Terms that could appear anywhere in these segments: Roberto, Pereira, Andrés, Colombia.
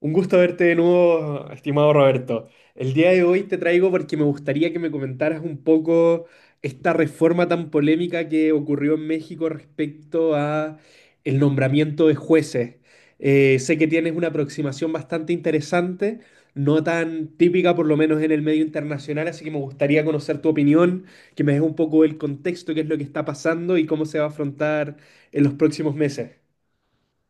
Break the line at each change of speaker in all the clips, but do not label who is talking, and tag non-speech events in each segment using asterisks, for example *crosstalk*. Un gusto verte de nuevo, estimado Roberto. El día de hoy te traigo porque me gustaría que me comentaras un poco esta reforma tan polémica que ocurrió en México respecto a el nombramiento de jueces. Sé que tienes una aproximación bastante interesante, no tan típica por lo menos en el medio internacional, así que me gustaría conocer tu opinión, que me des un poco el contexto, qué es lo que está pasando y cómo se va a afrontar en los próximos meses.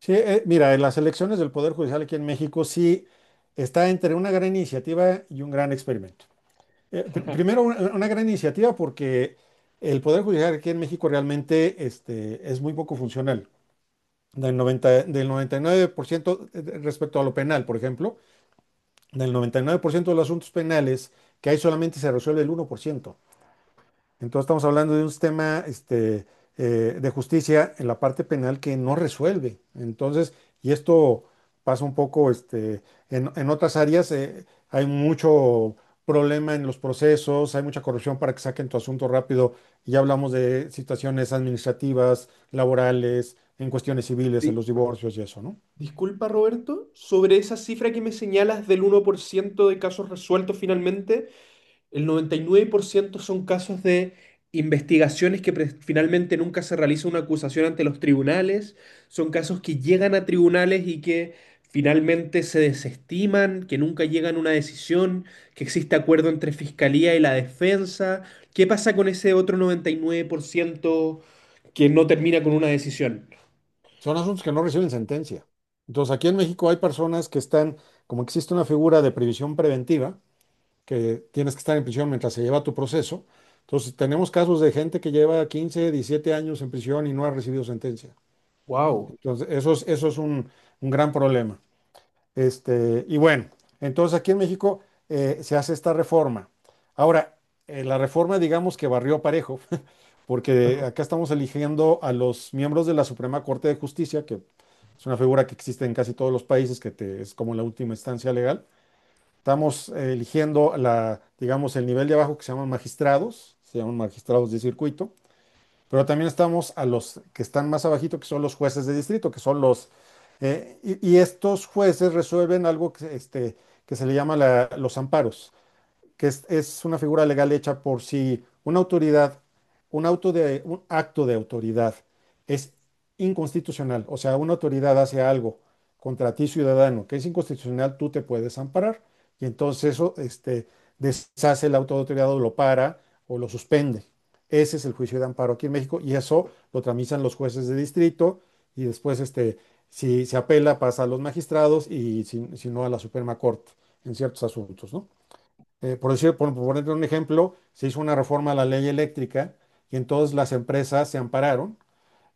Sí, mira, en las elecciones del Poder Judicial aquí en México sí está entre una gran iniciativa y un gran experimento. Primero, una gran iniciativa porque el Poder Judicial aquí en México realmente es muy poco funcional. Del 99% respecto a lo penal, por ejemplo, del 99% de los asuntos penales que hay solamente se resuelve el 1%. Entonces estamos hablando de un sistema de justicia en la parte penal que no resuelve. Entonces, y esto pasa un poco, en otras áreas. Hay mucho problema en los procesos, hay mucha corrupción para que saquen tu asunto rápido. Y ya hablamos de situaciones administrativas, laborales, en cuestiones civiles, en los
Sí.
divorcios y eso, ¿no?
Disculpa, Roberto, sobre esa cifra que me señalas del 1% de casos resueltos finalmente, el 99% son casos de investigaciones que finalmente nunca se realiza una acusación ante los tribunales, son casos que llegan a tribunales y que finalmente se desestiman, que nunca llegan a una decisión, que existe acuerdo entre fiscalía y la defensa. ¿Qué pasa con ese otro 99% que no termina con una decisión?
Son asuntos que no reciben sentencia. Entonces, aquí en México hay personas que están, como existe una figura de previsión preventiva, que tienes que estar en prisión mientras se lleva tu proceso. Entonces, tenemos casos de gente que lleva 15, 17 años en prisión y no ha recibido sentencia.
Wow.
Entonces, eso es un gran problema. Y bueno, entonces aquí en México se hace esta reforma. Ahora, la reforma, digamos, que barrió parejo, *laughs* porque acá estamos eligiendo a los miembros de la Suprema Corte de Justicia, que es una figura que existe en casi todos los países, es como la última instancia legal. Estamos eligiendo digamos, el nivel de abajo que se llaman magistrados, de circuito, pero también estamos a los que están más abajito, que son los jueces de distrito, y estos jueces resuelven algo que se le llama los amparos, que es una figura legal hecha por si una autoridad, un acto de autoridad es inconstitucional. O sea, una autoridad hace algo contra ti ciudadano que es inconstitucional, tú te puedes amparar, y entonces eso, deshace el auto de autoridad, o lo para o lo suspende. Ese es el juicio de amparo aquí en México, y eso lo tramitan los jueces de distrito, y después, si se apela pasa a los magistrados, y si no a la Suprema Corte, en ciertos asuntos, ¿no? Por decir, por poner un ejemplo, se hizo una reforma a la ley eléctrica y entonces las empresas se ampararon,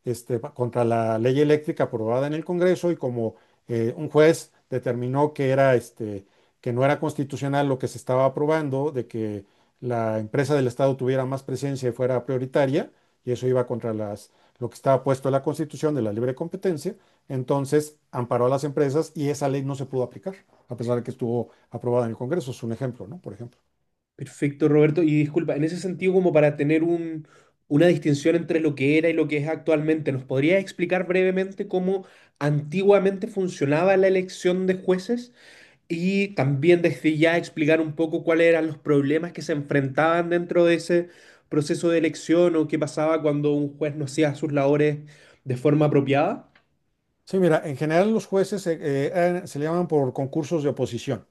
contra la ley eléctrica aprobada en el Congreso. Y como, un juez determinó que no era constitucional lo que se estaba aprobando, de que la empresa del Estado tuviera más presencia y fuera prioritaria, y eso iba contra lo que estaba puesto en la Constitución de la libre competencia. Entonces amparó a las empresas y esa ley no se pudo aplicar, a pesar de que estuvo aprobada en el Congreso. Es un ejemplo, ¿no? Por ejemplo.
Perfecto, Roberto. Y disculpa, en ese sentido, como para tener un, una distinción entre lo que era y lo que es actualmente, ¿nos podrías explicar brevemente cómo antiguamente funcionaba la elección de jueces? Y también desde ya explicar un poco cuáles eran los problemas que se enfrentaban dentro de ese proceso de elección o qué pasaba cuando un juez no hacía sus labores de forma apropiada.
Sí, mira, en general los jueces, se le llaman por concursos de oposición,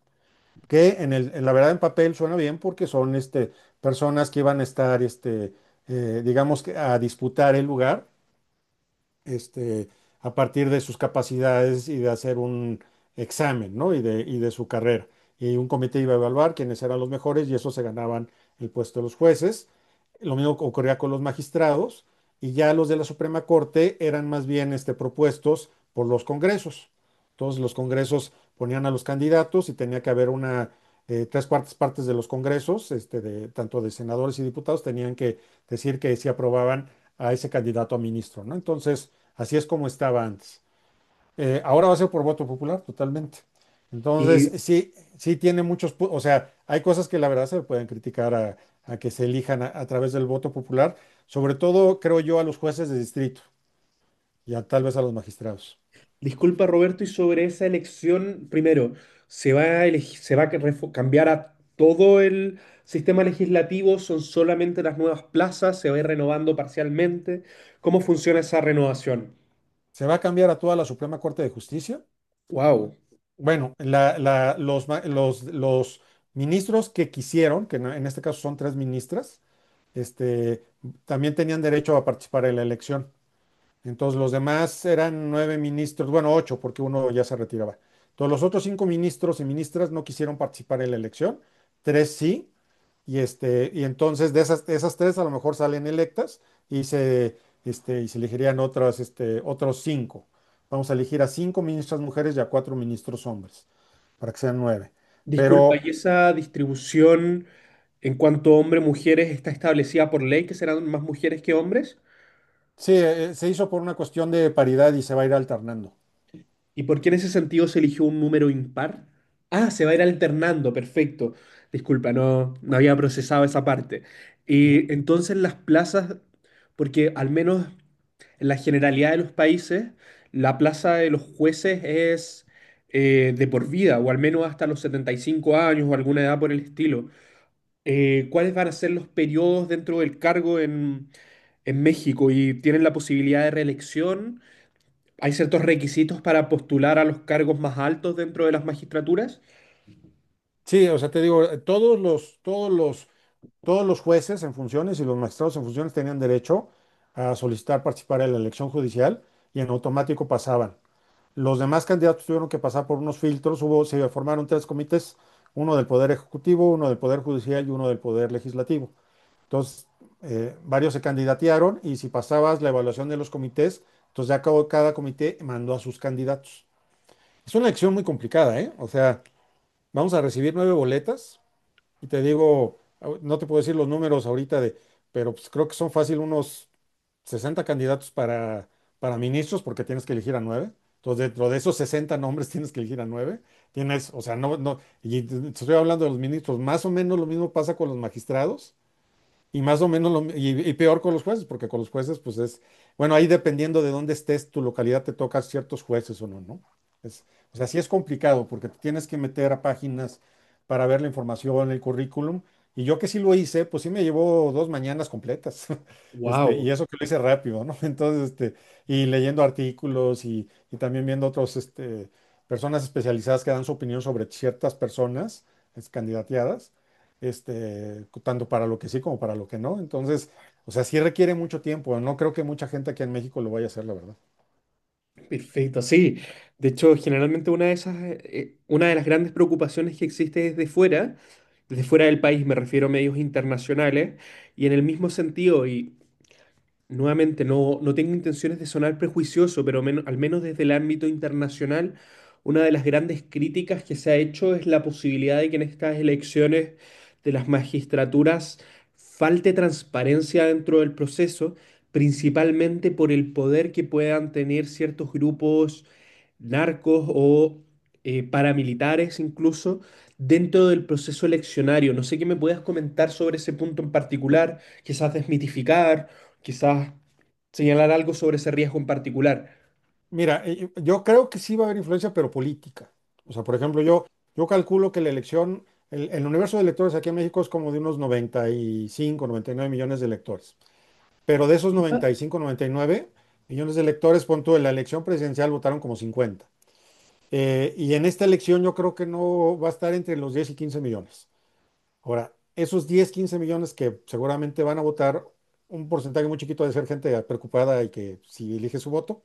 que en la verdad en papel suena bien, porque son, personas que iban a estar, digamos, que a disputar el lugar, este, a partir de sus capacidades y de hacer un examen, ¿no? Y de su carrera. Y un comité iba a evaluar quiénes eran los mejores y eso se ganaban el puesto de los jueces. Lo mismo ocurría con los magistrados, y ya los de la Suprema Corte eran más bien, propuestos por los congresos. Entonces los congresos ponían a los candidatos y tenía que haber tres cuartas partes de los congresos, tanto de senadores y diputados, tenían que decir que sí aprobaban a ese candidato a ministro, ¿no? Entonces, así es como estaba antes. Ahora va a ser por voto popular, totalmente.
Y
Entonces, sí, sí tiene muchos, o sea, hay cosas que la verdad se pueden criticar, a que se elijan, a través del voto popular, sobre todo, creo yo, a los jueces de distrito y a, tal vez a los magistrados.
Disculpa, Roberto, y sobre esa elección, primero, se va a cambiar a todo el sistema legislativo? ¿Son solamente las nuevas plazas? ¿Se va a ir renovando parcialmente? ¿Cómo funciona esa renovación?
¿Se va a cambiar a toda la Suprema Corte de Justicia?
Wow.
Bueno, los ministros que quisieron, que en este caso son tres ministras, este, también tenían derecho a participar en la elección. Entonces los demás eran nueve ministros, bueno, ocho, porque uno ya se retiraba. Entonces los otros cinco ministros y ministras no quisieron participar en la elección, tres sí, y, y entonces de esas tres a lo mejor salen electas y se, y se elegirían otros cinco. Vamos a elegir a cinco ministras mujeres y a cuatro ministros hombres, para que sean nueve.
Disculpa,
Pero
¿y esa distribución en cuanto a hombres-mujeres está establecida por ley que serán más mujeres que hombres?
sí, se hizo por una cuestión de paridad y se va a ir alternando.
¿Y por qué en ese sentido se eligió un número impar? Ah, se va a ir alternando, perfecto. Disculpa, no, no había procesado esa parte.
Ujú.
Y entonces las plazas, porque al menos en la generalidad de los países, la plaza de los jueces es de por vida, o al menos hasta los 75 años o alguna edad por el estilo. ¿Cuáles van a ser los periodos dentro del cargo en México? ¿Y tienen la posibilidad de reelección? Hay ciertos requisitos para postular a los cargos más altos dentro de las magistraturas.
Sí, o sea, te digo, todos los jueces en funciones y los magistrados en funciones tenían derecho a solicitar participar en la elección judicial, y en automático pasaban. Los demás candidatos tuvieron que pasar por unos filtros, hubo, se formaron tres comités: uno del Poder Ejecutivo, uno del Poder Judicial y uno del Poder Legislativo. Entonces, varios se candidatearon, y si pasabas la evaluación de los comités, entonces ya cada comité mandó a sus candidatos. Es una elección muy complicada, ¿eh? O sea, vamos a recibir nueve boletas. Y te digo, no te puedo decir los números ahorita de, pero pues creo que son fácil unos 60 candidatos para ministros, porque tienes que elegir a nueve. Entonces, dentro de esos 60 nombres *laughs* tienes que elegir a nueve. Tienes, o sea, no, no, y te estoy hablando de los ministros, más o menos lo mismo pasa con los magistrados. Y más o menos, lo, y peor con los jueces, porque con los jueces, pues bueno, ahí dependiendo de dónde estés, tu localidad te toca ciertos jueces o no, ¿no? Es, o sea, sí es complicado, porque te tienes que meter a páginas para ver la información, el currículum, y yo que sí lo hice, pues sí me llevó dos mañanas completas, *laughs* y
Wow,
eso que lo hice rápido, ¿no? *laughs* Entonces, y leyendo artículos, y también viendo personas especializadas que dan su opinión sobre ciertas personas, candidateadas, tanto para lo que sí como para lo que no. Entonces, o sea, sí requiere mucho tiempo. No creo que mucha gente aquí en México lo vaya a hacer, la verdad.
perfecto, sí. De hecho, generalmente una de las grandes preocupaciones que existe desde fuera del país, me refiero a medios internacionales, y en el mismo sentido, nuevamente, no, no tengo intenciones de sonar prejuicioso, pero al menos desde el ámbito internacional, una de las grandes críticas que se ha hecho es la posibilidad de que en estas elecciones de las magistraturas falte transparencia dentro del proceso, principalmente por el poder que puedan tener ciertos grupos narcos o paramilitares incluso dentro del proceso eleccionario. No sé qué me puedas comentar sobre ese punto en particular, quizás desmitificar quizás señalar algo sobre ese riesgo en particular.
Mira, yo creo que sí va a haber influencia, pero política. O sea, por ejemplo, yo calculo que el universo de electores aquí en México es como de unos 90, 95, 99 millones de electores. Pero de esos 90, 95, 99 millones de electores, pon tú, en la elección presidencial votaron como 50. Y en esta elección yo creo que no va a estar entre los 10 y 15 millones. Ahora, esos 10 15 millones que seguramente van a votar, un porcentaje muy chiquito ha de ser gente preocupada y que si elige su voto,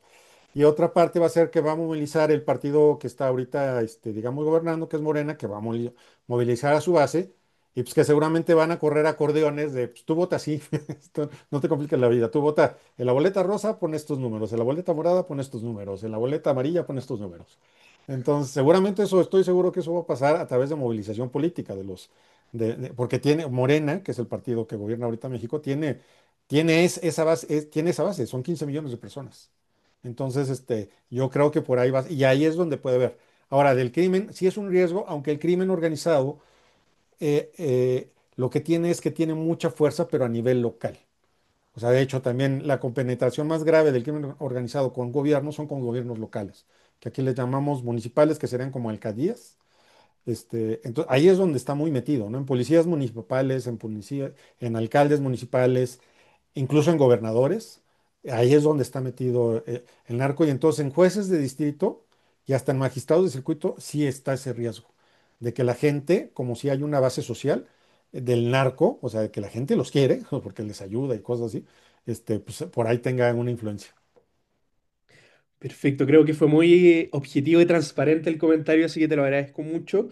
y otra parte va a ser que va a movilizar el partido que está ahorita, digamos, gobernando, que es Morena, que va a movilizar a su base, y pues que seguramente van a correr acordeones de, pues tú vota así, *laughs* esto no te compliques la vida, tú vota en la boleta rosa, pon estos números, en la boleta morada, pon estos números, en la boleta amarilla, pon estos números. Entonces, seguramente eso, estoy seguro que eso va a pasar a través de movilización política de porque tiene Morena, que es el partido que gobierna ahorita México, tiene, tiene tiene esa base, son 15 millones de personas. Entonces, yo creo que por ahí vas, y ahí es donde puede haber. Ahora, del crimen, sí es un riesgo, aunque el crimen organizado, lo que tiene es que tiene mucha fuerza, pero a nivel local. O sea, de hecho, también la compenetración más grave del crimen organizado con gobiernos son con gobiernos locales, que aquí les llamamos municipales, que serían como alcaldías, entonces, ahí es donde está muy metido, ¿no? En policías municipales, en alcaldes municipales, incluso en gobernadores. Ahí es donde está metido, el narco. Y entonces en jueces de distrito y hasta en magistrados de circuito sí está ese riesgo de que la gente, como si hay una base social del narco, o sea, de que la gente los quiere, *laughs* porque les ayuda y cosas así, pues, por ahí tenga una influencia.
Perfecto, creo que fue muy objetivo y transparente el comentario, así que te lo agradezco mucho.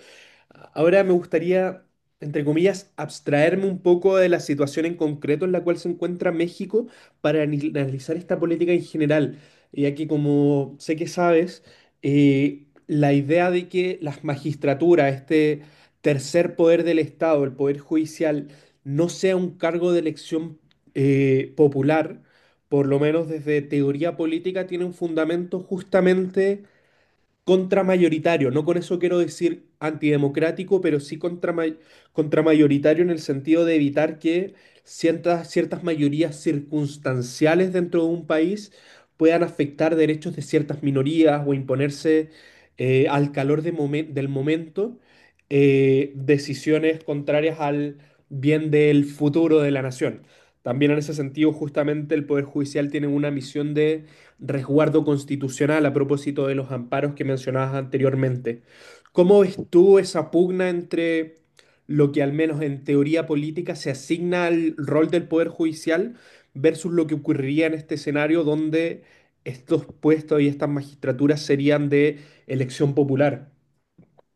Ahora me gustaría, entre comillas, abstraerme un poco de la situación en concreto en la cual se encuentra México para analizar esta política en general, ya que como sé que sabes, la idea de que las magistraturas, este tercer poder del Estado, el poder judicial, no sea un cargo de elección popular por lo menos desde teoría política, tiene un fundamento justamente contramayoritario. No con eso quiero decir antidemocrático, pero sí contramayoritario en el sentido de evitar que ciertas mayorías circunstanciales dentro de un país puedan afectar derechos de ciertas minorías o imponerse al calor del momento decisiones contrarias al bien del futuro de la nación. También en ese sentido, justamente el Poder Judicial tiene una misión de resguardo constitucional a propósito de los amparos que mencionabas anteriormente. ¿Cómo ves tú esa pugna entre lo que al menos en teoría política se asigna al rol del Poder Judicial versus lo que ocurriría en este escenario donde estos puestos y estas magistraturas serían de elección popular?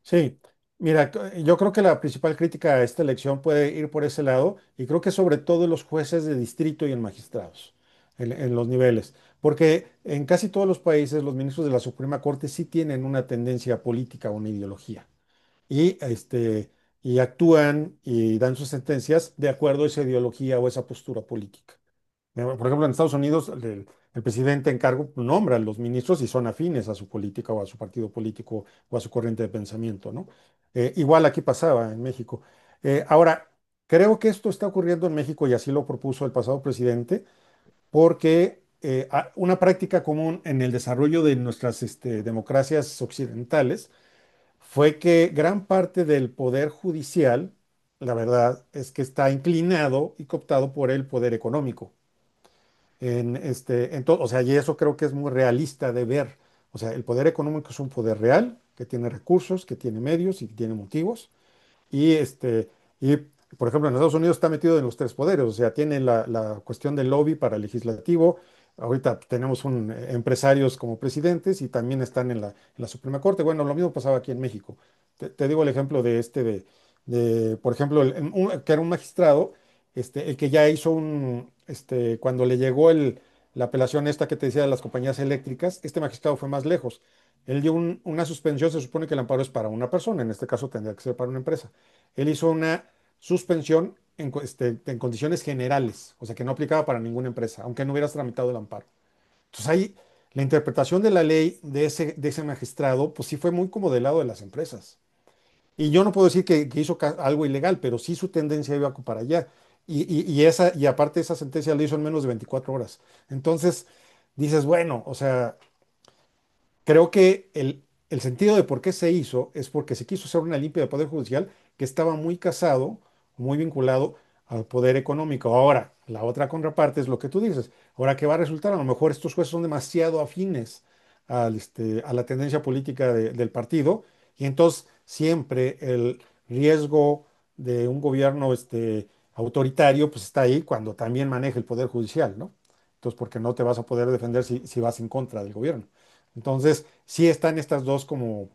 Sí, mira, yo creo que la principal crítica a esta elección puede ir por ese lado y creo que sobre todo en los jueces de distrito y en magistrados, en los niveles, porque en casi todos los países los ministros de la Suprema Corte sí tienen una tendencia política o una ideología y, este, y actúan y dan sus sentencias de acuerdo a esa ideología o esa postura política. Por ejemplo, en Estados Unidos, el presidente en cargo, pues, nombra a los ministros y son afines a su política o a su partido político o a su corriente de pensamiento, ¿no? Igual aquí pasaba en México. Ahora, creo que esto está ocurriendo en México y así lo propuso el pasado presidente, porque una práctica común en el desarrollo de nuestras, este, democracias occidentales fue que gran parte del poder judicial, la verdad, es que está inclinado y cooptado por el poder económico. En este, en to- O sea, y eso creo que es muy realista de ver. O sea, el poder económico es un poder real que tiene recursos, que tiene medios y que tiene motivos. Y, este, y, por ejemplo, en Estados Unidos está metido en los tres poderes, o sea, tiene la cuestión del lobby para el legislativo. Ahorita tenemos empresarios como presidentes y también están en la Suprema Corte. Bueno, lo mismo pasaba aquí en México. Te digo el ejemplo de este, de, por ejemplo, que era un magistrado, este, el que ya hizo un, este, cuando le llegó la apelación esta que te decía de las compañías eléctricas. Este magistrado fue más lejos. Él dio una suspensión. Se supone que el amparo es para una persona, en este caso tendría que ser para una empresa. Él hizo una suspensión en condiciones generales, o sea, que no aplicaba para ninguna empresa, aunque no hubieras tramitado el amparo. Entonces ahí la interpretación de la ley de ese magistrado, pues sí fue muy como del lado de las empresas. Y yo no puedo decir que hizo algo ilegal, pero sí su tendencia iba para allá. Y aparte esa sentencia la hizo en menos de 24 horas. Entonces dices, bueno, o sea, creo que el sentido de por qué se hizo es porque se quiso hacer una limpia del Poder Judicial, que estaba muy casado, muy vinculado al poder económico. Ahora, la otra contraparte es lo que tú dices. Ahora, ¿qué va a resultar? A lo mejor estos jueces son demasiado afines al, este, a la tendencia política del partido, y entonces siempre el riesgo de un gobierno, este, autoritario, pues está ahí cuando también maneja el Poder Judicial, ¿no? Entonces, porque no te vas a poder defender si vas en contra del gobierno. Entonces, sí están estas dos como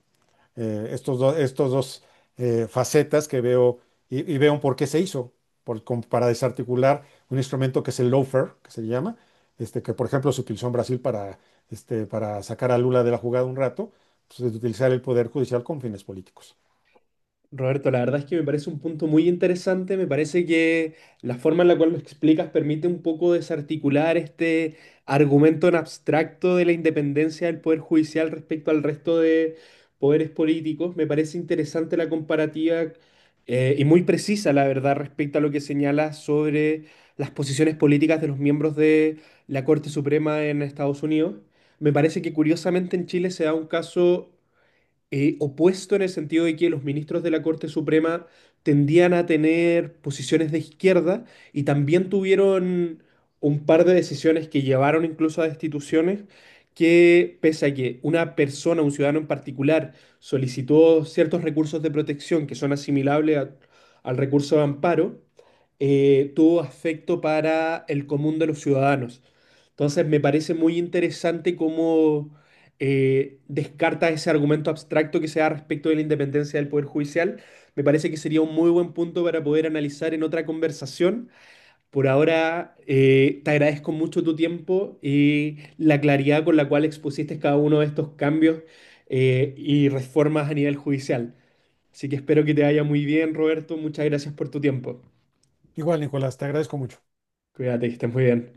estos dos facetas que veo, y veo un por qué se hizo, como para desarticular un instrumento que es el loafer, que se llama, este, que por ejemplo se utilizó en Brasil para, este, para sacar a Lula de la jugada un rato. Pues, es utilizar el poder judicial con fines políticos.
Roberto, la verdad es que me parece un punto muy interesante. Me parece que la forma en la cual lo explicas permite un poco desarticular este argumento en abstracto de la independencia del Poder Judicial respecto al resto de poderes políticos. Me parece interesante la comparativa y muy precisa, la verdad, respecto a lo que señalas sobre las posiciones políticas de los miembros de la Corte Suprema en Estados Unidos. Me parece que curiosamente en Chile se da un caso opuesto en el sentido de que los ministros de la Corte Suprema tendían a tener posiciones de izquierda y también tuvieron un par de decisiones que llevaron incluso a destituciones, que pese a que una persona, un ciudadano en particular, solicitó ciertos recursos de protección que son asimilables al recurso de amparo, tuvo afecto para el común de los ciudadanos. Entonces me parece muy interesante cómo descarta ese argumento abstracto que se da respecto de la independencia del Poder Judicial. Me parece que sería un muy buen punto para poder analizar en otra conversación. Por ahora, te agradezco mucho tu tiempo y la claridad con la cual expusiste cada uno de estos cambios y reformas a nivel judicial. Así que espero que te vaya muy bien, Roberto. Muchas gracias por tu tiempo.
Igual, Nicolás, te agradezco mucho.
Cuídate, que estés muy bien.